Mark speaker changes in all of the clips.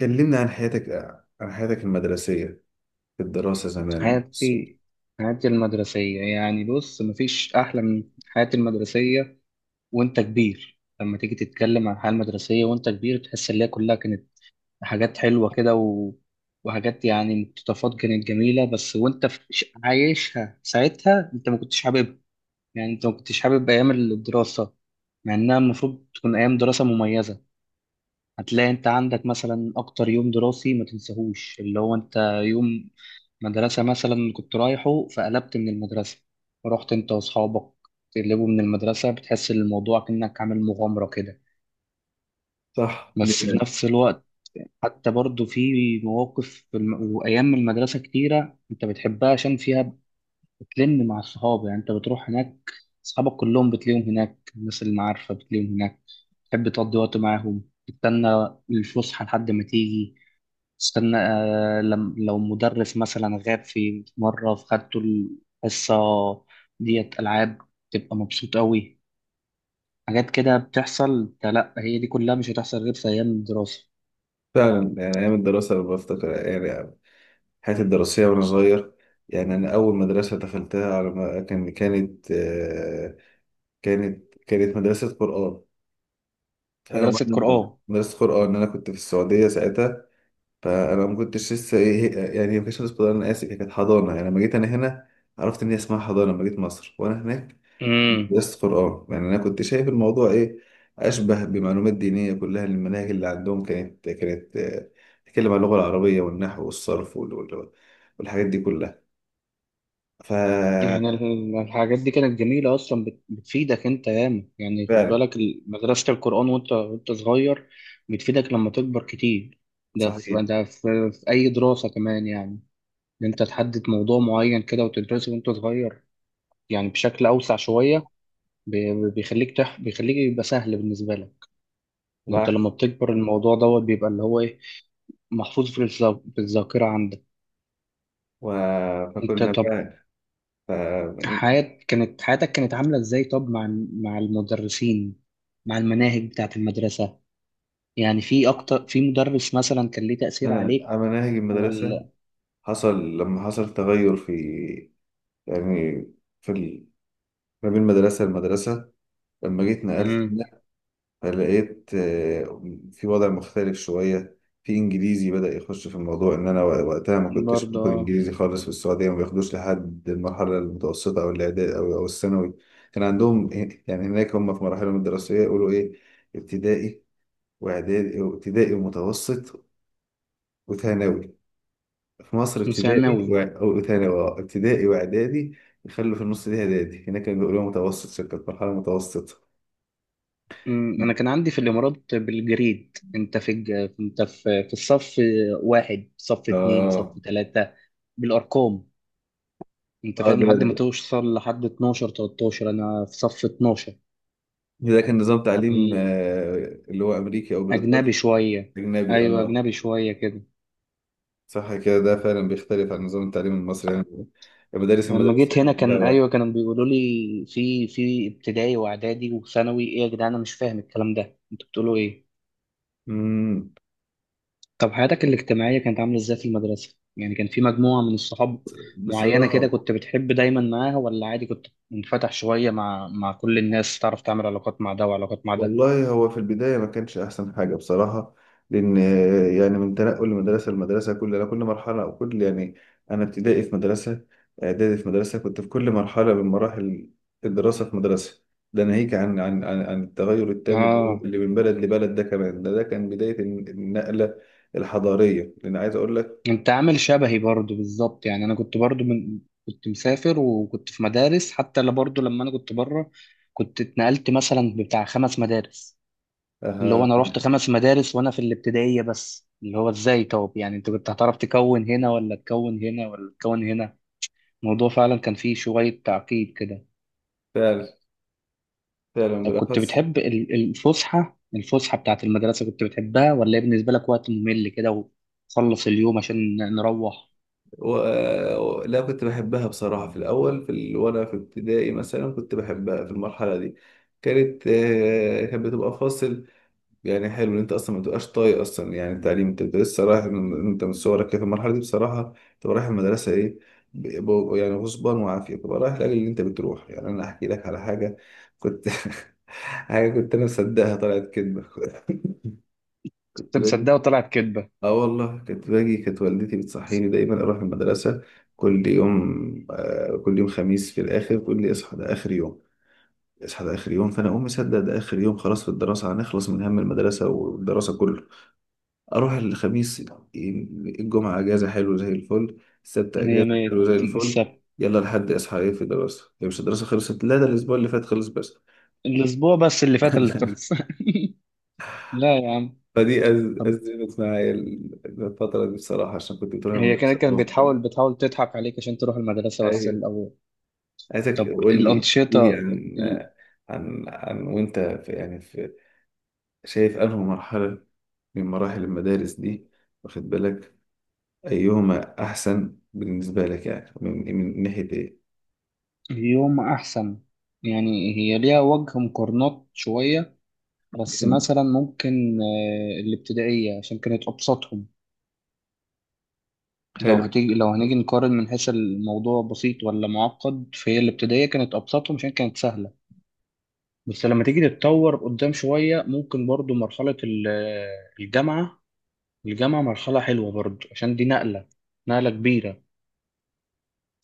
Speaker 1: كلمنا عن حياتك، عن حياتك المدرسية، في الدراسة زمان.
Speaker 2: حياتي حياتي المدرسية يعني بص مفيش أحلى من حياتي المدرسية، وأنت كبير لما تيجي تتكلم عن الحياة المدرسية وأنت كبير تحس إن هي كلها كانت حاجات حلوة كده وحاجات يعني مقتطفات كانت جميلة، بس وأنت عايشها ساعتها أنت ما كنتش حاببها، يعني أنت ما كنتش حابب أيام الدراسة مع إنها المفروض تكون أيام دراسة مميزة. هتلاقي انت عندك مثلا اكتر يوم دراسي ما تنساهوش اللي هو انت يوم مدرسة مثلا كنت رايحه فقلبت من المدرسة، رحت انت واصحابك تقلبوا من المدرسة، بتحس ان الموضوع كأنك عامل مغامرة كده،
Speaker 1: صح دي.
Speaker 2: بس في نفس الوقت حتى برضو في وايام المدرسة كتيرة انت بتحبها عشان فيها بتلم مع الصحاب، يعني انت بتروح هناك اصحابك كلهم بتلاقيهم هناك، الناس اللي معارفة بتلاقيهم هناك، تحب تقضي وقت معاهم، تستنى الفسحة لحد ما تيجي، استنى آه، لم لو مدرس مثلا غاب في مرة فخدته الحصة ديت ألعاب، تبقى مبسوط أوي. حاجات كده بتحصل، ده لأ هي دي كلها مش هتحصل غير في أيام الدراسة.
Speaker 1: فعلا، يعني أيام الدراسة لما بفتكر يعني حياتي الدراسية وأنا صغير. يعني أنا أول مدرسة دخلتها على ما كان كانت آه، كانت كانت مدرسة قرآن.
Speaker 2: مدرسة قرآن.
Speaker 1: مدرسة قرآن، أنا كنت في السعودية ساعتها. فأنا ما كنتش لسه إيه، يعني ما كانتش مدرسة قرآن، أنا آسف، هي كانت حضانة. يعني لما جيت أنا هنا عرفت إن هي اسمها حضانة. لما جيت مصر وأنا هناك
Speaker 2: امم.
Speaker 1: درست قرآن. يعني أنا كنت شايف الموضوع إيه أشبه بمعلومات دينية. كلها المناهج اللي عندهم كانت تتكلم عن اللغة العربية والنحو والصرف والحاجات دي كلها. ف
Speaker 2: يعني الحاجات دي كانت جميلة أصلا، بتفيدك أنت ياما، يعني خد
Speaker 1: فعلا.
Speaker 2: بالك مدرسة القرآن وأنت وأنت صغير بتفيدك لما تكبر كتير. ده
Speaker 1: صحيح.
Speaker 2: في ده في, في أي دراسة كمان يعني إن أنت تحدد موضوع معين كده وتدرسه وأنت صغير يعني بشكل أوسع شوية، بيخليك يبقى سهل بالنسبة لك. أنت
Speaker 1: صح.
Speaker 2: لما بتكبر الموضوع دوت بيبقى اللي هو إيه، محفوظ في الذاكرة عندك.
Speaker 1: و...
Speaker 2: أنت
Speaker 1: فكنا
Speaker 2: طب
Speaker 1: بقى. ف...
Speaker 2: حياتك كانت عاملة إزاي طب مع المدرسين، مع المناهج بتاعة المدرسة، يعني في مدرس مثلا كان ليه تأثير
Speaker 1: أنا
Speaker 2: عليك
Speaker 1: على مناهج المدرسة
Speaker 2: ولا.
Speaker 1: حصل لما حصل تغير في، يعني في ما بين مدرسة لمدرسة. لما جيت نقلت
Speaker 2: امم.
Speaker 1: فلقيت في وضع مختلف شوية. في إنجليزي بدأ يخش في الموضوع، إن أنا وقتها ما كنتش باخد
Speaker 2: برضه.
Speaker 1: إنجليزي خالص. في السعودية ما بياخدوش لحد المرحلة المتوسطة أو الإعدادي أو الثانوي. كان عندهم، يعني هناك هم في مراحلهم الدراسية يقولوا إيه: ابتدائي وإعدادي، ابتدائي ومتوسط وثانوي. في مصر
Speaker 2: آه.
Speaker 1: ابتدائي
Speaker 2: ثانوي.
Speaker 1: وثانوي، ابتدائي وإعدادي، يخلوا في النص دي إعدادي. هناك كانوا بيقولوا متوسط، شكل مرحلة متوسطة.
Speaker 2: أمم، انا كان عندي في الامارات بالجريد، انت في انت في الصف واحد، صف اتنين، صف
Speaker 1: اه،
Speaker 2: تلاتة، بالارقام، انت
Speaker 1: اه،
Speaker 2: فاهم لحد ما
Speaker 1: ده
Speaker 2: توصل لحد 12 13، انا في صف 12.
Speaker 1: ده كان نظام تعليم، اللي هو امريكي او
Speaker 2: اجنبي
Speaker 1: بريطاني.
Speaker 2: شويه.
Speaker 1: اجنبي،
Speaker 2: ايوه
Speaker 1: اه.
Speaker 2: اجنبي شويه كده.
Speaker 1: صح كده، ده فعلا بيختلف عن نظام التعليم المصري. يعني المدارس
Speaker 2: لما
Speaker 1: المدرسيه
Speaker 2: جيت هنا
Speaker 1: لا
Speaker 2: كان
Speaker 1: واحد.
Speaker 2: ايوه كانوا بيقولوا لي في في ابتدائي واعدادي وثانوي، ايه يا جدعان انا مش فاهم الكلام ده، انتوا بتقولوا ايه؟
Speaker 1: امم.
Speaker 2: طب حياتك الاجتماعية كانت عاملة ازاي في المدرسة؟ يعني كان في مجموعة من الصحاب معينة كده
Speaker 1: بصراحه،
Speaker 2: كنت بتحب دايما معاها ولا عادي كنت منفتح شوية مع كل الناس تعرف تعمل علاقات مع ده وعلاقات مع ده؟
Speaker 1: والله هو في البداية ما كانش أحسن حاجة بصراحة. لأن، يعني من تنقل لمدرسة لمدرسة كل أنا كل مرحلة أو كل يعني. أنا ابتدائي في مدرسة، إعدادي في مدرسة، كنت في كل مرحلة من مراحل الدراسة في مدرسة. ده ناهيك عن التغير التام
Speaker 2: اه
Speaker 1: اللي من بلد لبلد. ده كمان ده كان بداية النقلة الحضارية. لأن عايز أقول لك
Speaker 2: انت عامل شبهي برضو بالظبط، يعني انا كنت برضو من كنت مسافر وكنت في مدارس حتى، لا برضو لما انا كنت بره كنت اتنقلت مثلا بتاع خمس مدارس، اللي هو
Speaker 1: آه،
Speaker 2: انا رحت خمس مدارس وانا في الابتدائية بس، اللي هو ازاي طب يعني انت كنت هتعرف تكون هنا ولا تكون هنا ولا تكون هنا. الموضوع فعلا كان فيه شوية تعقيد كده.
Speaker 1: فعلا فعلا
Speaker 2: طب كنت
Speaker 1: بالأخص.
Speaker 2: بتحب الفسحة بتاعت المدرسة كنت بتحبها ولا هي بالنسبة لك وقت ممل كده وخلص اليوم عشان نروح؟
Speaker 1: و... آه، لا كنت بحبها بصراحة في الأول في وأنا في ابتدائي مثلا كنت بحبها. في المرحلة دي كانت بتبقى فاصل. يعني حلو إن أنت أصلا ما تبقاش طايق أصلا يعني التعليم. أنت بتبقى لسه رايح أنت من صغرك كده في المرحلة دي بصراحة تبقى رايح المدرسة إيه ب... يعني غصبان وعافية تبقى رايح، لأجل اللي أنت بتروح يعني. أنا أحكي لك على حاجة. كنت حاجة كنت أنا مصدقها طلعت كدبة
Speaker 2: كنت
Speaker 1: كنت باجي.
Speaker 2: مصدقه وطلعت كدبة.
Speaker 1: اه والله كنت باجي، كانت والدتي بتصحيني دايما اروح المدرسه كل يوم. آه، كل يوم خميس في الاخر تقول لي اصحى ده اخر يوم، اصحى ده اخر يوم. فانا اقوم مصدق ده اخر يوم، خلاص في الدراسه هنخلص من هم المدرسه والدراسه كله. اروح الخميس، الجمعه اجازه حلو زي الفل، السبت
Speaker 2: مية
Speaker 1: اجازه حلو
Speaker 2: مية.
Speaker 1: زي
Speaker 2: تيجي
Speaker 1: الفل.
Speaker 2: السبت
Speaker 1: يلا لحد اصحى ايه في الدراسه، هي مش الدراسه خلصت؟ لا، ده الاسبوع اللي فات خلص بس.
Speaker 2: الأسبوع بس اللي فات اللي خلص. لا يا عم.
Speaker 1: فدي
Speaker 2: طب
Speaker 1: ازمت معايا الفتره دي بصراحه، عشان كنت بتروح
Speaker 2: هي
Speaker 1: المدرسه
Speaker 2: كانت كانت
Speaker 1: غصب.
Speaker 2: بتحاول بتحاول تضحك عليك عشان تروح المدرسة بس الأول.
Speaker 1: عايزك
Speaker 2: طب
Speaker 1: تقول لي،
Speaker 2: الأنشطة
Speaker 1: احكي لي عن
Speaker 2: ال-
Speaker 1: عن وانت في، يعني في، شايف انه مرحلة من مراحل المدارس دي، واخد بالك، ايهما احسن بالنسبة لك، يعني من ناحية ايه.
Speaker 2: اليوم أحسن، يعني هي ليها وجه مقارنات شوية، بس
Speaker 1: مم.
Speaker 2: مثلا ممكن آه، الابتدائية عشان كانت أبسطهم. لو
Speaker 1: حلو.
Speaker 2: هتيجي لو هنيجي نقارن من حيث الموضوع بسيط ولا معقد فهي الابتدائية كانت أبسطهم عشان كانت سهلة. بس لما تيجي تتطور قدام شوية ممكن برضو مرحلة الجامعة. الجامعة مرحلة حلوة برضو عشان دي نقلة، نقلة كبيرة،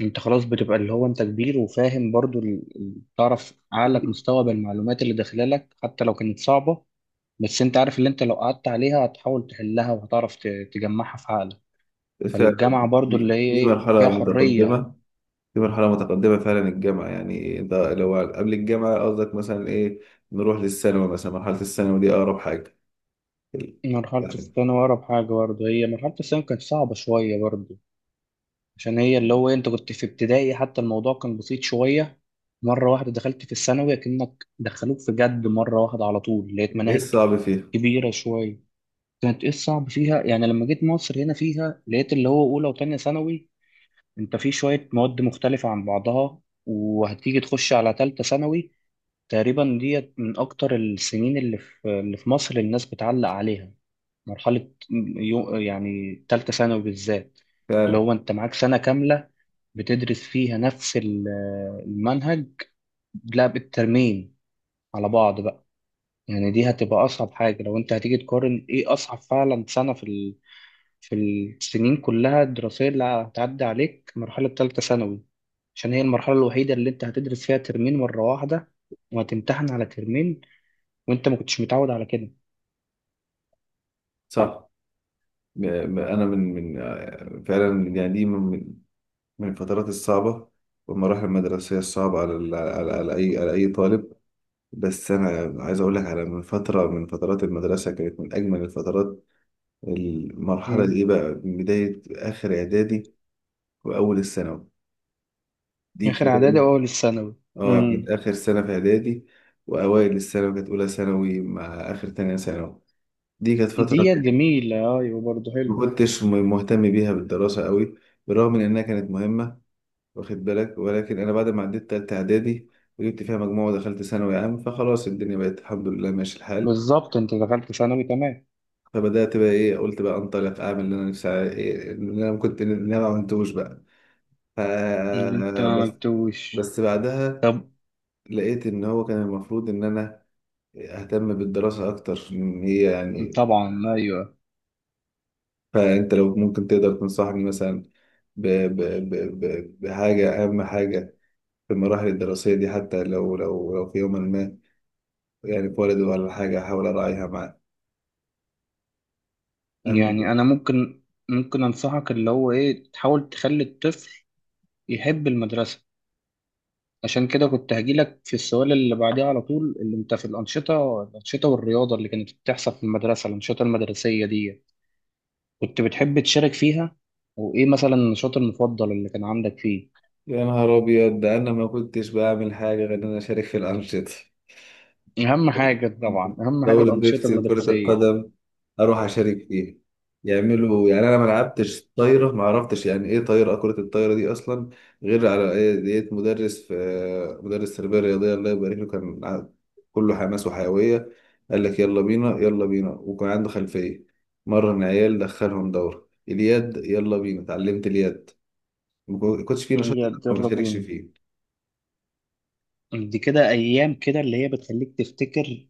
Speaker 2: انت خلاص بتبقى اللي هو انت كبير وفاهم برضو تعرف عقلك مستوعب المعلومات اللي داخلالك حتى لو كانت صعبة، بس انت عارف اللي انت لو قعدت عليها هتحاول تحلها وهتعرف تجمعها في عقلك.
Speaker 1: ف
Speaker 2: فالجامعة برضو اللي
Speaker 1: دي,
Speaker 2: هي
Speaker 1: دي
Speaker 2: ايه فيها
Speaker 1: مرحلة
Speaker 2: حرية.
Speaker 1: متقدمة، دي مرحلة متقدمة فعلا الجامعة. يعني ده لو قبل الجامعة قصدك مثلا ايه، نروح للثانوي مثلا. مرحلة الثانوي دي اقرب حاجة.
Speaker 2: مرحلة
Speaker 1: يعني
Speaker 2: الثانوي أقرب حاجة برضو، هي مرحلة الثانوي كانت صعبة شوية برضو، عشان هي اللي هو انت كنت في ابتدائي حتى الموضوع كان بسيط شوية، مرة واحدة دخلت في الثانوي كأنك دخلوك في جد، مرة واحدة على طول لقيت
Speaker 1: ايه
Speaker 2: مناهج
Speaker 1: الصعب فيها؟
Speaker 2: كبيرة شوية. كانت ايه الصعب فيها؟ يعني لما جيت مصر هنا فيها لقيت اللي هو أولى وتانية ثانوي، انت في شوية مواد مختلفة عن بعضها، وهتيجي تخش على تالتة ثانوي، تقريبا ديت من أكتر السنين اللي في اللي في مصر الناس بتعلق عليها، مرحلة يعني تالتة ثانوي بالذات، اللي
Speaker 1: فعلا.
Speaker 2: هو انت معاك سنة كاملة بتدرس فيها نفس المنهج، لا بالترمين على بعض بقى. يعني دي هتبقى أصعب حاجة لو انت هتيجي تقارن ايه أصعب فعلا سنة في في السنين كلها الدراسية اللي هتعدي عليك مرحلة تالتة ثانوي، عشان هي المرحلة الوحيدة اللي أنت هتدرس فيها ترمين مرة واحدة وهتمتحن على ترمين وأنت ما كنتش متعود على كده.
Speaker 1: صح. انا من فعلا، يعني دي من الفترات الصعبه والمراحل المدرسيه الصعبه على على اي على اي طالب. بس انا عايز اقول لك على، من فتره من فترات المدرسه كانت من اجمل الفترات، المرحله
Speaker 2: مم.
Speaker 1: دي بقى من بدايه اخر اعدادي واول الثانوي. دي
Speaker 2: آخر
Speaker 1: كده
Speaker 2: إعدادي
Speaker 1: إيه؟
Speaker 2: وأول الثانوي.
Speaker 1: اه، كانت
Speaker 2: مم.
Speaker 1: اخر سنه في اعدادي واوائل الثانوي. كانت اولى ثانوي مع اخر تانية ثانوي. دي كانت فتره
Speaker 2: ديت جميلة، أيوة برضه
Speaker 1: ما
Speaker 2: حلوة.
Speaker 1: كنتش مهتم بيها بالدراسه قوي، بالرغم من انها كانت مهمه واخد بالك. ولكن انا بعد ما عديت تالتة اعدادي وجبت فيها مجموعة ودخلت ثانوي عام، فخلاص الدنيا بقت الحمد لله ماشي الحال.
Speaker 2: بالظبط أنت دخلت ثانوي تمام.
Speaker 1: فبدأت بقى ايه، قلت بقى انطلق اعمل اللي انا نفسي إيه اللي انا كنت اللي انا ما عملتوش بقى. ف
Speaker 2: اللي أنت ما
Speaker 1: بس
Speaker 2: قلتوش.
Speaker 1: بس بعدها
Speaker 2: طب.
Speaker 1: لقيت ان هو كان المفروض ان انا اهتم بالدراسة اكتر، ان هي يعني.
Speaker 2: طبعا أيوة.
Speaker 1: فانت لو ممكن تقدر تنصحني مثلا ب... ب... ب... بحاجة، اهم حاجة في المراحل الدراسية دي، حتى لو في يوم ما يعني اتولد ولا حاجة أحاول أراعيها معاه، أما.
Speaker 2: يعني أنا ممكن ممكن أنصحك اللي هو إيه، تحاول تخلي الطفل يحب المدرسة، عشان كده كنت هجيلك في السؤال اللي بعديه على طول اللي انت في الأنشطة، الأنشطة والرياضة اللي كانت بتحصل في المدرسة، الأنشطة المدرسية دي كنت بتحب تشارك فيها؟ وإيه مثلا النشاط المفضل اللي كان عندك فيه؟
Speaker 1: يا نهار أبيض، ده أنا ما كنتش بعمل حاجة غير إن أنا أشارك في الأنشطة.
Speaker 2: أهم حاجة طبعا، أهم حاجة
Speaker 1: دورة
Speaker 2: الأنشطة
Speaker 1: بيبسي وكرة
Speaker 2: المدرسية.
Speaker 1: القدم أروح أشارك فيها. يعملوا، يعني أنا ما لعبتش طايرة، ما عرفتش يعني إيه طايرة، كرة الطايرة دي أصلا، غير على إيه ديت مدرس، في مدرس تربية رياضية الله يبارك له كان كله حماس وحيوية. قال لك يلا بينا يلا بينا، وكان عنده خلفية. مرن عيال، دخلهم دورة اليد، يلا بينا اتعلمت اليد. ما كنتش فيه نشاط إلا
Speaker 2: يلا
Speaker 1: ما
Speaker 2: يلا
Speaker 1: بشاركش
Speaker 2: بينا.
Speaker 1: فيه.
Speaker 2: دي كده أيام كده اللي هي بتخليك تفتكر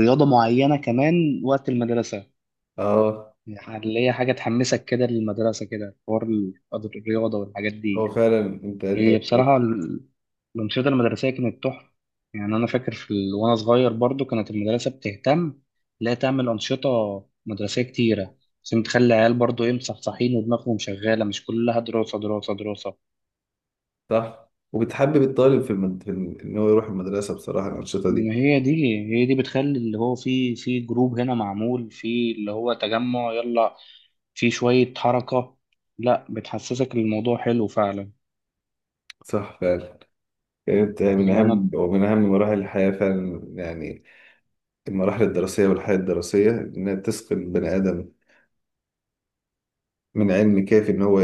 Speaker 2: رياضة معينة كمان وقت المدرسة،
Speaker 1: اه.
Speaker 2: يعني اللي هي حاجة تحمسك كده للمدرسة كده، حوار الرياضة والحاجات
Speaker 1: هو
Speaker 2: دي.
Speaker 1: فعلا، انت
Speaker 2: هي بصراحة الأنشطة المدرسية كانت تحفة، يعني أنا فاكر وأنا صغير برضو كانت المدرسة بتهتم، لا تعمل أنشطة مدرسية كتيرة عشان تخلي العيال برضو إيه مصحصحين ودماغهم شغالة مش كلها دراسة دراسة دراسة.
Speaker 1: صح. وبتحبب الطالب في، ان هو يروح المدرسه، بصراحه الانشطه
Speaker 2: إن
Speaker 1: دي.
Speaker 2: هي دي، هي دي بتخلي اللي هو في جروب هنا معمول في اللي هو تجمع، يلا في شوية حركة، لا بتحسسك إن الموضوع حلو فعلا.
Speaker 1: صح فعلا. يعني انت من
Speaker 2: اللي
Speaker 1: اهم،
Speaker 2: أنا
Speaker 1: ومن اهم مراحل الحياه فعلا. يعني المراحل الدراسيه والحياه الدراسيه، انها تسقي البني ادم من علم كافي ان هو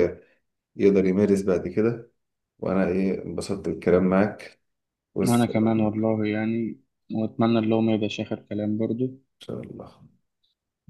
Speaker 1: يقدر يمارس بعد كده. وانا ايه انبسطت بالكلام معاك.
Speaker 2: وأنا
Speaker 1: والسلام
Speaker 2: كمان
Speaker 1: عليكم.
Speaker 2: والله يعني، وأتمنى اللي هو ما يبقاش آخر كلام برضو.
Speaker 1: ان شاء الله.